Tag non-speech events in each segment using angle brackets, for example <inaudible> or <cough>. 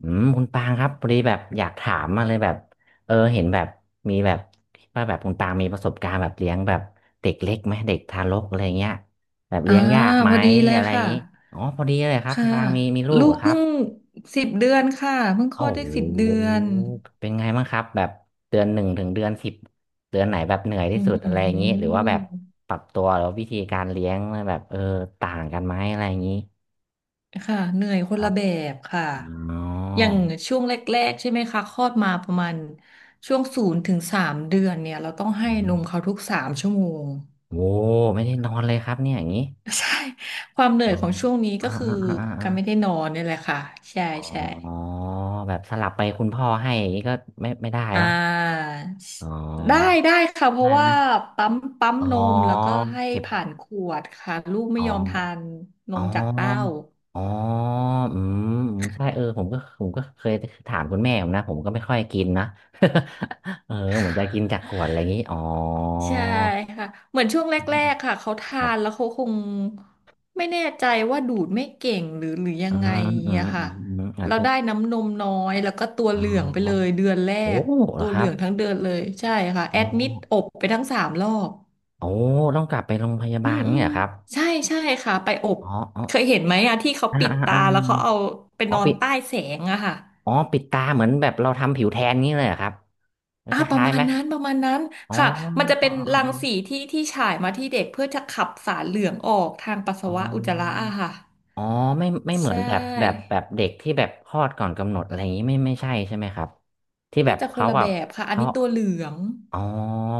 อืมคุณปางครับพอดีแบบอยากถามมาเลยแบบเห็นแบบมีแบบว่าแบบคุณปางมีประสบการณ์แบบเลี้ยงแบบเด็กเล็กไหมเด็กทารกอะไรเงี้ยแบบอ่าเลี้ยงยากไหมพอดีเลยอะไรอย่าค่ะงนี้อ๋อพอดีเลยครับคุค่ะณปางมีลูกลูเหรกอครัเพิ่บงสิบเดือนค่ะเพิ่งคลโอ้อดโได้สิบเดือหนเป็นไงบ้างครับแบบเดือนหนึ่งถึงเดือนสิบเดือนไหนแบบเหนื่อยที่อืสุดอะไรอย่างนี้หรือว่าแบบมปรับตัวหรือวาวิธีการเลี้ยงแบบต่างกันไหมอะไรอย่างนี้ค่ะเหนื่อยคคนรัละบแบบค่ะอ๋ออย่างช่วงแรกๆใช่ไหมคะคลอดมาประมาณช่วง0 ถึง 3 เดือนเนี่ยเราต้องอืให้นมมเขาทุก3 ชั่วโมง โอ้ไม่ได้นอนเลยครับเนี่ยอย่างนี้ <laughs> ใช่ความเหนื่ออ๋ยอของช่วงนี้อ่าก็คืออ่าอ่าอ่าการไม่ได้อานอนนี่แหละค่ะใช่อ๋ใช่ อแบบสลับไปคุณพ่อให้อย่างนี้ก็ไม่ได้อ่เนาะาอ๋อได้ได้ค่ะเพได้ราะไหมว่าปั๊มปั๊มอ๋อนมแล้วก็ให้เก็บผ่านขวดค่ะลูกไม่อ๋อยอมทานนอ๋มจากเต้าออ๋ออืมอืมใช่ผมก็เคยถามคุณแม่ผมนะผมก็ไม่ค่อยกินนะ <laughs> เหมือนจะกินจากขวดอะไรอย่างนี้อ๋อใช่ค่ะเหมือนช่วงแรกๆค่ะเขาทาครันบแล้วเขาคงไม่แน่ใจว่าดูดไม่เก่งหรือยัอืงไงมอืมอะอืค่ะมอืมอาจเราจะได้น้ำนมน้อยแล้วก็ตัวอ๋เหลืองไปเลยอเดือนแรโอ้กเหรตัอวคเหรัลืบองทั้งเดือนเลยใช่ค่ะอ๋แออดมิดอบไปทั้ง3 รอบ โอ้ต้องกลับไปโรงพยาอืบามลอืเนี่ยมเหรอครับ ใช่ใช่ค่ะไปอบอ๋ออ๋อเคยเห็นไหมอะที่เขาอ่าปิดอ่าตาอ่าแล้วเขาเอาไปอ๋นออนปิดใต้แสงอะค่ะอ๋อปิดตาเหมือนแบบเราทำผิวแทนนี้เลยเหรอครับคอ่าประล้ายๆมาไหณมนั้นประมาณนั้นอ๋อค่ะมันจะอ๋อเป็นรังสีที่ที่ฉายมาที่เด็กเพื่อจะขับสารเหลืองออกทางปัสอ๋สาออ๋วะออุจจาระอ๋ออะค่ะอ๋อไม่เหมืใชอนแบบแบบ่แบบเด็กที่แบบคลอดก่อนกำหนดอะไรอย่างนี้ไม่ใช่ใช่ไหมครับที่แบน่าบจะคนเขาละแบแบบบค่ะอันเขานี้ตัวเหลืองอ๋อ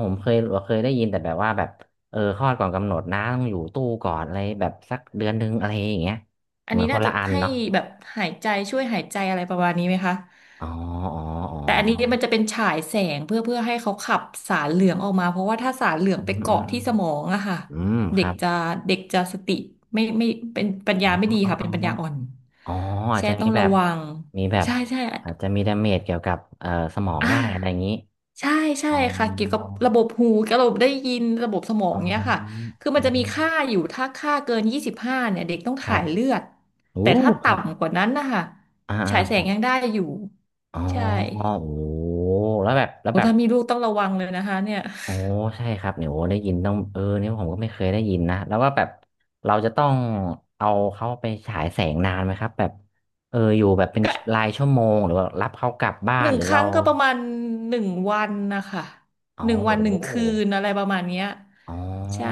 ผมเคยเคยได้ยินแต่แบบว่าแบบคลอดก่อนกำหนดนะต้องอยู่ตู้ก่อนอะไรแบบสักเดือนหนึ่งอะไรอย่างเงี้ยอัเหนมือนี้นคน่านละจะอันให้เนาะแบบหายใจช่วยหายใจอะไรประมาณนี้ไหมคะ อ๋ออ๋ออ๋แต่อันนี้อมันจะเป็นฉายแสงเพื่อให้เขาขับสารเหลืองออกมาเพราะว่าถ้าสารเหลืองอืไปมอืเกาะมที่สมองอะค่ะอืมอืมคเด็กรับจะเด็กจะสติไม่เป็นปัญอ๋อญาไม่ดีอ๋อค่ะอ๋อ เป็นปัญญาอ่อนอ๋ออาจแช่จะต้มีองแบระบวังมีแบบใช่ใช่อาจจะมีดาเมจเกี่ยวกับสมองอได้อะไรอ่าย่างนี้ใช่ใช่อ๋อค่ะเกี่ยวกับระบบหูกับระบบได้ยินระบบสมองอ๋อเนี้ยค่ะคืออืมันจะมีค่ามอยู่ถ้าค่าเกิน25เนี่ยเด็กต้องครัถ่าบยเลือดโอ้แต่ถ้าครับต่ำกว่านั้นนะคะอ่าฉายแสงอยังได้อยู่อ๋อใช่ โอ้แล้วแบบแล้วโอ้แบบถ้ามีลูกต้องระวังเลยนะคะเนี่ยโอ้ใช่ครับเนี่ยโอ้ได้ยินต้องนี่ผมก็ไม่เคยได้ยินนะแล้วว่าแบบเราจะต้องเอาเขาไปฉายแสงนานไหมครับแบบอยู่แบบเป็นก็รายชั่วโมงหรือว่ารับเขากลับบ้าหนนึ่งหรือคเรารั้งก็ประมาณหนึ่งวันนะคะอ๋อหนึ่งโอวันหนึ่งคืน้ อะไรประมาณเนี้ยอ๋อใช่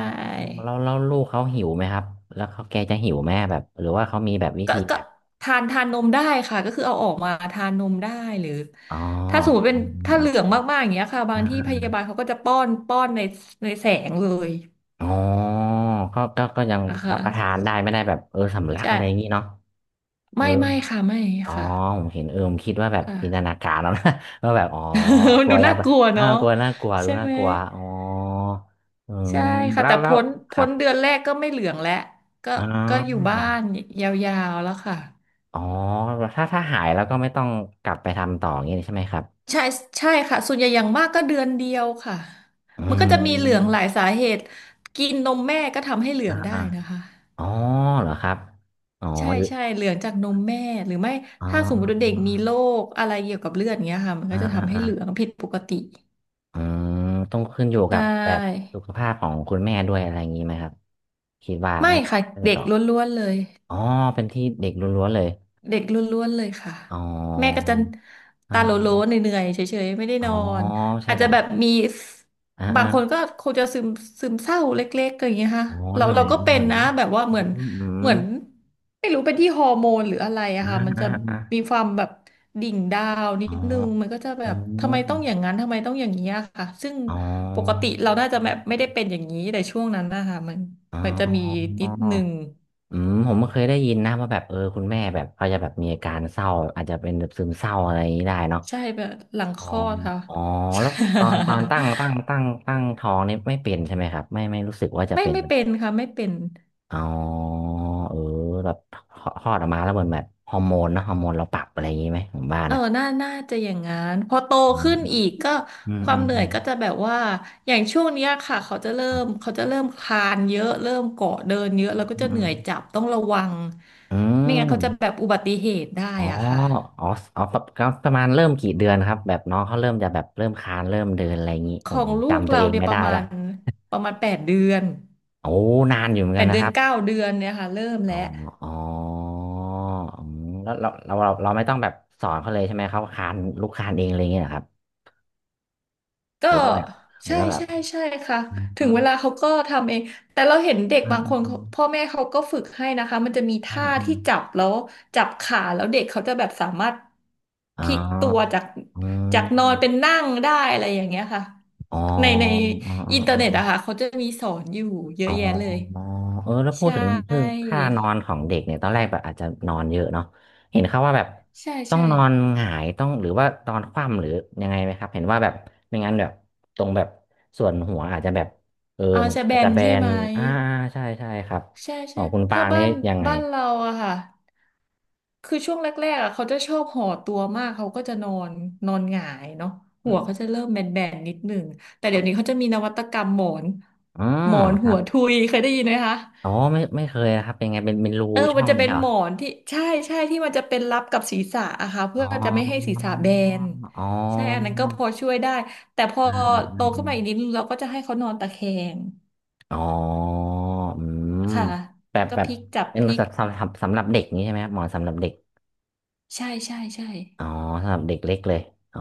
แล้วแล้วลูกเขาหิวไหมครับแล้วเขาแกจะหิวไหมแบบหรือว่าเขามีแบบวิก็ธีก็แบบทานทานนมได้ค่ะก็คือเอาออกมาทานนมได้หรืออ๋ถ้าสมมอติเป็นถ้าเหลืองมากๆอย่างเงี้ยค่ะบาอ๋งที่พอยาบาลเขาก็จะป้อนป้อนในแสงเลยอ๋ออ๋อก็ยังอะค่ะรับประทานได้ไม่ได้แบบสำลักใชอะไรอย่างงี้่เนาะเออไม่ไม่ค่ะไม่อ๋อค่ะผมเห็นผมคิดว่าแบบค่ะ จินตนาการแล้ว <laughs> นะว่าแบบอ๋อแบบ <laughs> มักนลัวดูยาน่าแบกบลัวอ้าเนาะวกลัวน่ากลัวดูใช่น่าไหม กลัวอ๋ออืมใช่ค่ะแล้วแต่แล้วพ้นครัพ้บนเดือนแรกก็ไม่เหลืองแล้วก็อ๋ก็อยู่อบ้านยาวๆแล้วค่ะอ๋อถ้าถ้าหายแล้วก็ไม่ต้องกลับไปทำต่ออย่างงี้ใช่ไหมครับใช่ใช่ค่ะส่วนใหญ่อย่างมากก็เดือนเดียวค่ะอืมันก็จะมีเหลืองหลายม สาเหตุกินนมแม่ก็ทำให้เหลืออ่างอ่าได้นะคะอ๋อเหรอครับอ๋อใช่หรือใช่เหลืองจากนมแม่หรือไม่อ๋ถ้าสมมติว่าเด็กอมีโรคอะไรเกี่ยวกับเลือดเงี้ยค่ะมันอ่าก็จะอ่าทำให้อ่าเหลืองผิดปกติอืมต้องขึ้นอยู่ใชกับแบบ่สุขภาพของคุณแม่ด้วยอะไรอย่างนี้ไหมครับคิดว่าไม่น่าจะค่ะเด็กต่อล้วนๆเลย อ๋อเป็นที่เด็กล้วนๆเลยเด็กล้วนๆเลยค่ะอ๋อแม่ก็จะอตาโลโล่าเหนื่อยๆเฉยๆไม่ได้อ๋อนอนใช่อาจแบจะบแบบมีอ่าบาอ่างคนก็คงจะซึมเศร้าเล็กๆอย่างเงี้ยค่ะอ๋อเหเรานื่อเรายก็เหนื่เป็อนยนะเนาะแบบว่าอืเหมือมนอืเหมมือนไม่รู้เป็นที่ฮอร์โมนหรืออะไรอะอ่าค่ะมันอ่าจะอ่ามีความแบบดิ่งดาวนิอ๋อดนึงมันก็จะแบอ๋บทำไมต้องออย่างนั้นทำไมต้องอย่างนี้อะค่ะซึ่งอ๋อปกติเราน่าจะแบบไม่ได้เป็นอย่างนี้แต่ช่วงนั้นนะคะมันอมันจะมี๋อ นิดนึง อืมผมก็เคยได้ยินนะว่าแบบคุณแม่แบบเขาจะแบบมีอาการเศร้าอาจจะเป็นแบบซึมเศร้าอะไรอย่างนี้ได้เนาะใช่แบบหลังอ๋คอลอดค่ะ อ๋อแล้วตอน <laughs> ตั้งท้องนี่ไม่เป็นใช่ไหมครับไม่รู้สึกว่าจะไม่เป็นไม่เป็นค่ะไม่เป็นอ๋อเออแบบคลอดออกมาแล้วเหมือนแบบฮอร์โมนเนอะฮอร์โมนเราปรับอะไรอย่างนี้ไหมผมว่าเออนะน่าจะอย่างงั้นพอโตอืมขึ้นอีกก็อืมควาอืมมเหนื่อือยมก็จะแบบว่าอย่างช่วงเนี้ยค่ะเขาจะเริ่ครัมบเขาจะเริ่มคลานเยอะเริ่มเกาะเดินเยอะอืแล้วก็มจะอืเหนื่มอยจับต้องระวังอืไม่งั้นเขาจะมแบบอุบัติเหตุได้อ๋ออ่ะค่ะอ๋ออ๋อประมาณเริ่มกี่เดือนครับแบบน้องเขาเริ่มจะแบบเริ่มคลานเริ่มเดินอะไรอย่างนี้ขผอมงลูกจำตัวเราเองเนี่ยไม่ปได้ระมาละ ณประมาณแปดเดือนโอ้นานอยู่เหมือนแปกันดนะเดืคอนรับเก้าเดือนเนี่ยค่ะเริ่มอ๋แล้อว อ๋ออืมแล้วเราไม่ต้องแบบสอนเขาเลยใช่ไหมเขาคานลูกคานเองอะไรอย่างเงี้ยเหรอครับก็หรือว่าแบบหรือใช่ว่าแบบใช่ใช่ค่ะอืมถึงเวลาอเขาก็ทำเองแต่เราเห็นเด็กาบางคนเขาพ่ออแม่เขาก็ฝึกให้นะคะมันจะมีาท่าอที่จับแล้วจับขาแล้วเด็กเขาจะแบบสามารถาพอาลิกอ๋ตัวอจากอืจากนอนเป็นมนั่งได้อะไรอย่างเงี้ยค่ะอ๋อในอ๋ออินเทออ๋ร์เน็ตอะอ ค่ะเขาจะมีสอนอยู่เยอ๋อะอแยะเลยแล้วพูใชดถึงคือง่ค่านอนของเด็กเนี่ยตอนแรกแบบอาจจะนอนเยอะเนาะเห็นเขาว่าแบบใช่ต้องใช่นอนหงายต้องหรือว่านอนคว่ำหรือยังไงไหมครับเห็นว่าแบบไม่งั้นแบบตรงแบบส่วนหัวอาจจะแบบอาจมันจะแบอาจจะนแบใช่นไหม อ่าใช่ใช่ครับใช่ขอใช่งคุณปาถ้างบ้านี่นยังไงเราอะค่ะคือช่วงแรกๆอะเขาจะชอบห่อตัวมากเขาก็จะนอนนอนหงายเนาะอืหัวมเขาจะเริ่มแบนๆนิดหนึ่งแต่เดี๋ยวนี้เขาจะมีนวัตกรรมหมอนอ๋อคหัรัวบทุยเคยได้ยินไหมคะอ๋อไม่เคยนะครับเป็นไงเป็นรูเออช่มัอนงจะเป็นเนี่ยเหรหอมอนที่ใช่ใช่ที่มันจะเป็นรับกับศีรษะอะค่ะเพื่อ๋ออจะไม่ให้ศีรษะแบอ๋อนอ๋อใช่อันนั้นก็พอช่วยได้แต่พออืมอืมโตอืขึ้นม มาอีกนิดนึงเราก็จะให้เขานอนตะแคงอ๋ออืมค่ะแบบก็แบพบลิกจับเป็นพลิกสำหรับเด็กนี้ใช่ไหมครับหมอสำหรับเด็กใช่ใช่ใช่ อ๋อสำหรับเด็กเล็กเลยอ๋อ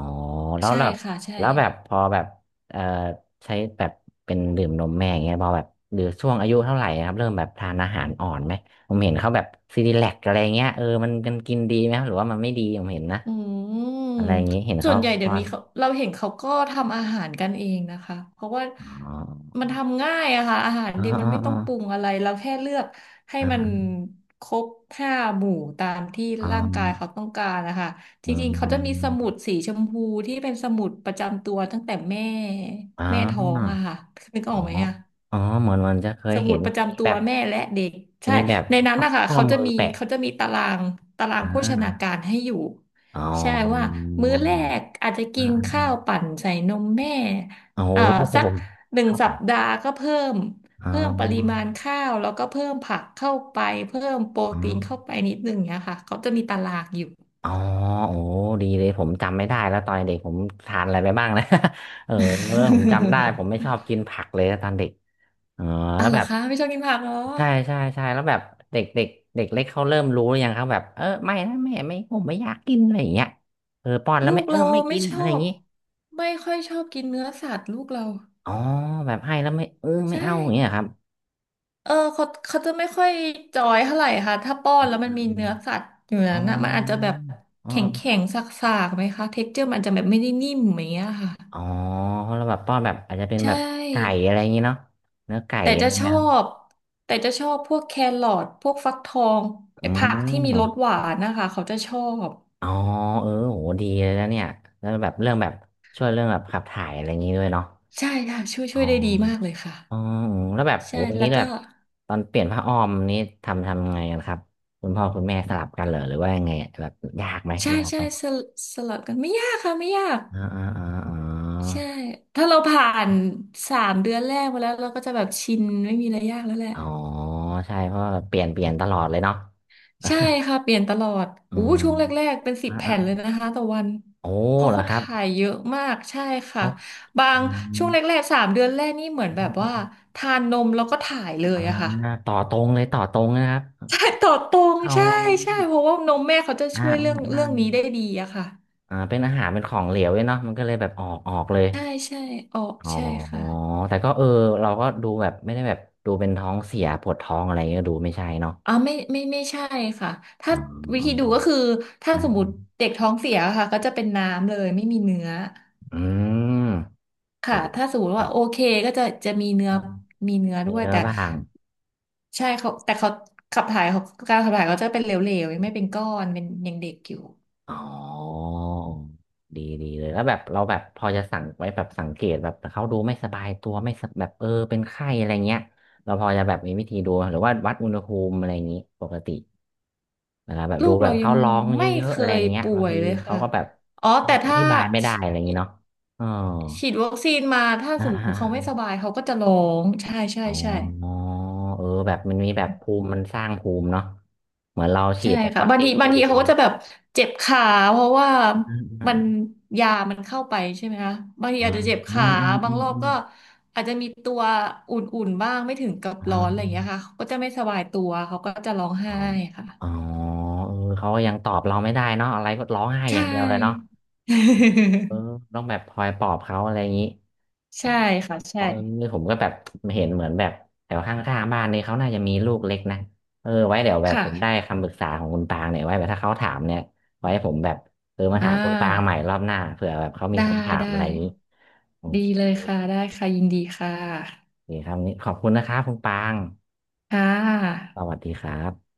แล้วใช่แบบค่ะใช่แล้วแบบพอแบบเอ่อใช้แบบเป็นดื่มนมแม่อย่างเงี้ยพอแบบหรือช่วงอายุเท่าไหร่ครับเริ่มแบบทานอาหารอ่อนไหมผมเห็นเขาแบบซีดีแลกอะไรเงี้ยเออมันกันกินดีไหมครับหรือว่ามันไม่ดีผมเห็นนะอือะไรอย่ามงงี้เห็นส่เขาวนใหญ่เดี๋ยป้อวนนี้เขาเราเห็นเขาก็ทำอาหารกันเองนะคะเพราะว่าอ๋อมันทำง่ายอะค่ะอาหารอ๋อเด็กมัอ๋นอไม่อ๋ต้อองปรุงอะไรเราแค่เลือกให้อ๋มันอครบห้าหมู่ตามที่อ๋อร่างกายเขาต้องการนะคะจอ๋ริงๆเขาจะมีอ สมุดสีชมพูที่เป็นสมุดประจำตัวตั้งแต่แม่ท้องอะค่ะนึกอ๋อออกไหมอะ อ๋อเหมือนเหมันจะเคยสมุเห็ดนประมีจำตัแบวบแม่และเด็กใช่มีแบบในนั้นข้อนะคะข้อเขาจะมือมีแปะตารางอ่โภชนาาการให้อยู่อ๋อใช่ว่ามื้อแรกอาจจะอ่ากินอ่าข้าอ่าวปั่นใส่นมแม่โอ้โหเอ่อสักหนึ่งเข้าไปสัปดาห์ก็เพิ่มอ๋ปริมาอณข้าวแล้วก็เพิ่มผักเข้าไปเพิ่มโปรอ๋อตีนเข้าไปนิดนึงเนี้ยค่ะเขาจะมีตารางอยู่ อ๋อโอ้ดีเลยผมจำไม่ได้แล้วตอนเด็กผมทานอะไรไปบ้างนะ <laughs> เออผมจำได้ผมไม่ชอ <laughs> บกินผักเลยตอนเด็กเอ๋ออ่ะแล้วเหรแบอบคะไม่ชอบกินผักเหรอใช่ใช่ใช่แล้วแบบเด็กเด็กเด็กเล็กเขาเริ่มรู้หรือยังครับแบบเออไม่นะแม่ไม่ผมไม่อยากกินอะไรอย่างเงี้ยเออป้อนแล้วลูไม่กเออเราไม่ไม่กินชอะอไรอย่างบงี้ ไม่ค่อยชอบกินเนื้อสัตว์ลูกเราอ๋อแบบให้แล้วไม่เออไม่ใช่ เอาอย่างเงี้ยครับเออเขาจะไม่ค่อยจอยเท่าไหร่ค่ะถ้าป้อนอืแล้มวมัอืนมมีอืมเนื้อสัตว์อยู่อ๋อนั้นนะมันอาจจะแบบอ๋แข็งแข็องสากๆไหมคะเท็กเจอร์มันอาจจะแบบไม่ได้นิ่มอย่างเงี้ยค่ะอ๋อแล้วแบบป้อนแบบอาจจะเป็นใชแบบไก่่อะไรอย่างงี้เนาะเนื้อไก่แต่อะจะไรชไหมอครับบพวกแครอทพวกฟักทองอืไอ้ผักที่มีรสมหวานนะคะเขาจะชอบอ๋อเออโหดีเลยนะเนี่ยแล้วแบบเรื่องแบบช่วยเรื่องแบบขับถ่ายอะไรอย่างงี้ด้วยเนาะใช่ค่ะช่วยอ๋อได้ดีมากเลยค่ะอ๋ออืมแล้วแบบโหใช่อย่างแล้นี้วแบก็บตอนเปลี่ยนผ้าอ้อมนี้ทำไงกันครับคุณพ่อคุณแม่สลับกันเหรอหรือว่ายังไงอะแบบยากไหมใช่ยากใช่ไหมสลัดกันไม่ยากค่ะไม่ยาก อ่าอ่าอ่ใช่า ถ้าเราผ่าน3 เดือนแรกมาแล้วเราก็จะแบบชินไม่มีอะไรยากแล้วแหละอ๋อใช่เพราะว่าเปลี่ยนตลอดเลยเนาะ ใช่ค่ะเปลี่ยนตลอด <laughs> อือู้มช่วงแรกๆเป็นสิบอ่าแผ่นเลยอานะคะต่อวันโอ้เพราะเหรอเขาครับถ่ายเยอะมากใช่ค่ะเขาบาอืงช่มวงแรกๆสามเดือนแรกนี่เหมือนแบบว่าทานนมแล้วก็ถ่ายเลอ่ายอะค่ะ ต่อตรงเลยต่อตรงนะครับใช่ต่อตรง เอาใช่ใช่เพราะว่านมแม่เขาจะอ่าช่วยเรื่องอ่านี้ได้ดีอะค่ะอ่าเป็นอาหารเป็นของเหลวเลยเนาะมันก็เลยแบบออกเลยใช่ใช่ออกอ๋อใช่ค่ะ แต่ก็เออเราก็ดูแบบไม่ได้แบบดูเป็นท้องเสียปวดท้องอะไรก็ดูไม่ใช่เนาะอ๋อไม่ไม่ไม่ใช่ค่ะอ๋ถ้าอวิอ๋อธีดูก็คือถ้าอ่สมมาติเด็กท้องเสียค่ะก็จะเป็นน้ำเลยไม่มีเนื้ออืมโอ้ค่ะถ้าสมมติครัว่าบโอเคก็จะมีเนื้อมีเนื้อมีด้วยเนื้อแต่บ้าง ใช่เขาแต่เขาขับถ่ายเขาการขับถ่ายเขาจะเป็นเหลวๆยังไม่เป็นก้อนเป็นยังเด็กอยู่อ๋อดีดีเลยแล้วแบบเราแบบพอจะสังไว้แบบสังเกตแบบเขาดูไม่สบายตัวไม่สแบบเออเป็นไข้อะไรเงี้ยเราพอจะแบบมีวิธีดูหรือว่าวัดอุณหภูมิอะไรอย่างนี้ปกติเวลาแบบลูดูกแบเราบยัเขางร้องเยไม่อะเคๆอะไรยเงี้ยป่บางวยทีเลยเขาค่ะก็แบบอ๋อเขาแต่อถ้าธิบายไม่ได้ฉีอะไรอย่าดงนี้เนาะอ๋อวัคซีนมาถ้าอ่าสมมอ่าติเขาไม่สอ่าบายเขาก็จะร้องใช่ใช่อ๋ใช่ อเออแบบมันมีแบบภูมิมันสร้างภูมิเนาะเหมือนเราฉีใช่ดแบบค่ะวัคบางซีทีนโคบางทีวิดเขาเลก็ยจะแบบเจ็บขาเพราะว่าอ่าอ่ามันยามันเข้าไปใช่ไหมคะบางทีอ่าอาจจะเจ็บอืขามอืมบาอืงมรอบอืมก็อาจจะมีตัวอุ่นๆบ้างไม่ถึงกับอ่ร้อนอะไรอย่างเงี้ยา ค่ะเขาก็จะไม่สบายตัวเขาก็จะร้องอ๋อไห้ค่ะอ๋อเออเขาก็ยังตอบเราไม่ได้เนาะอะไรก็ร้องไห้ใชอย่างเดียวเลยเนาะ่ เออ <laughs> ต้องแบบคอยปลอบเขาอะไรอย่างนี้อ๋อใช่ค่ะใช่เออนี่ผมก็แบบเห็นเหมือนแบบแถวข้างๆบ้านนี่เขาน่าจะมีลูกเล็กนะเออไว้เดี๋ยวแบบค่ะผมได้คำปรึกษาของคุณปางเนี่ยไว้แบบถ้าเขาถามเนี่ยไว้ผมแบบเออมาอ่ถามคุณปางใหาม่รอบหน้าเผื่อแบบเขามีได้คำถามได้อะไรอย่างนี้โอดีเลยค่ะได้ค่ะยินดีค่ะเคครับวันนี้ขอบคุณนะครับคุณปางค่ะสวัสดีครับ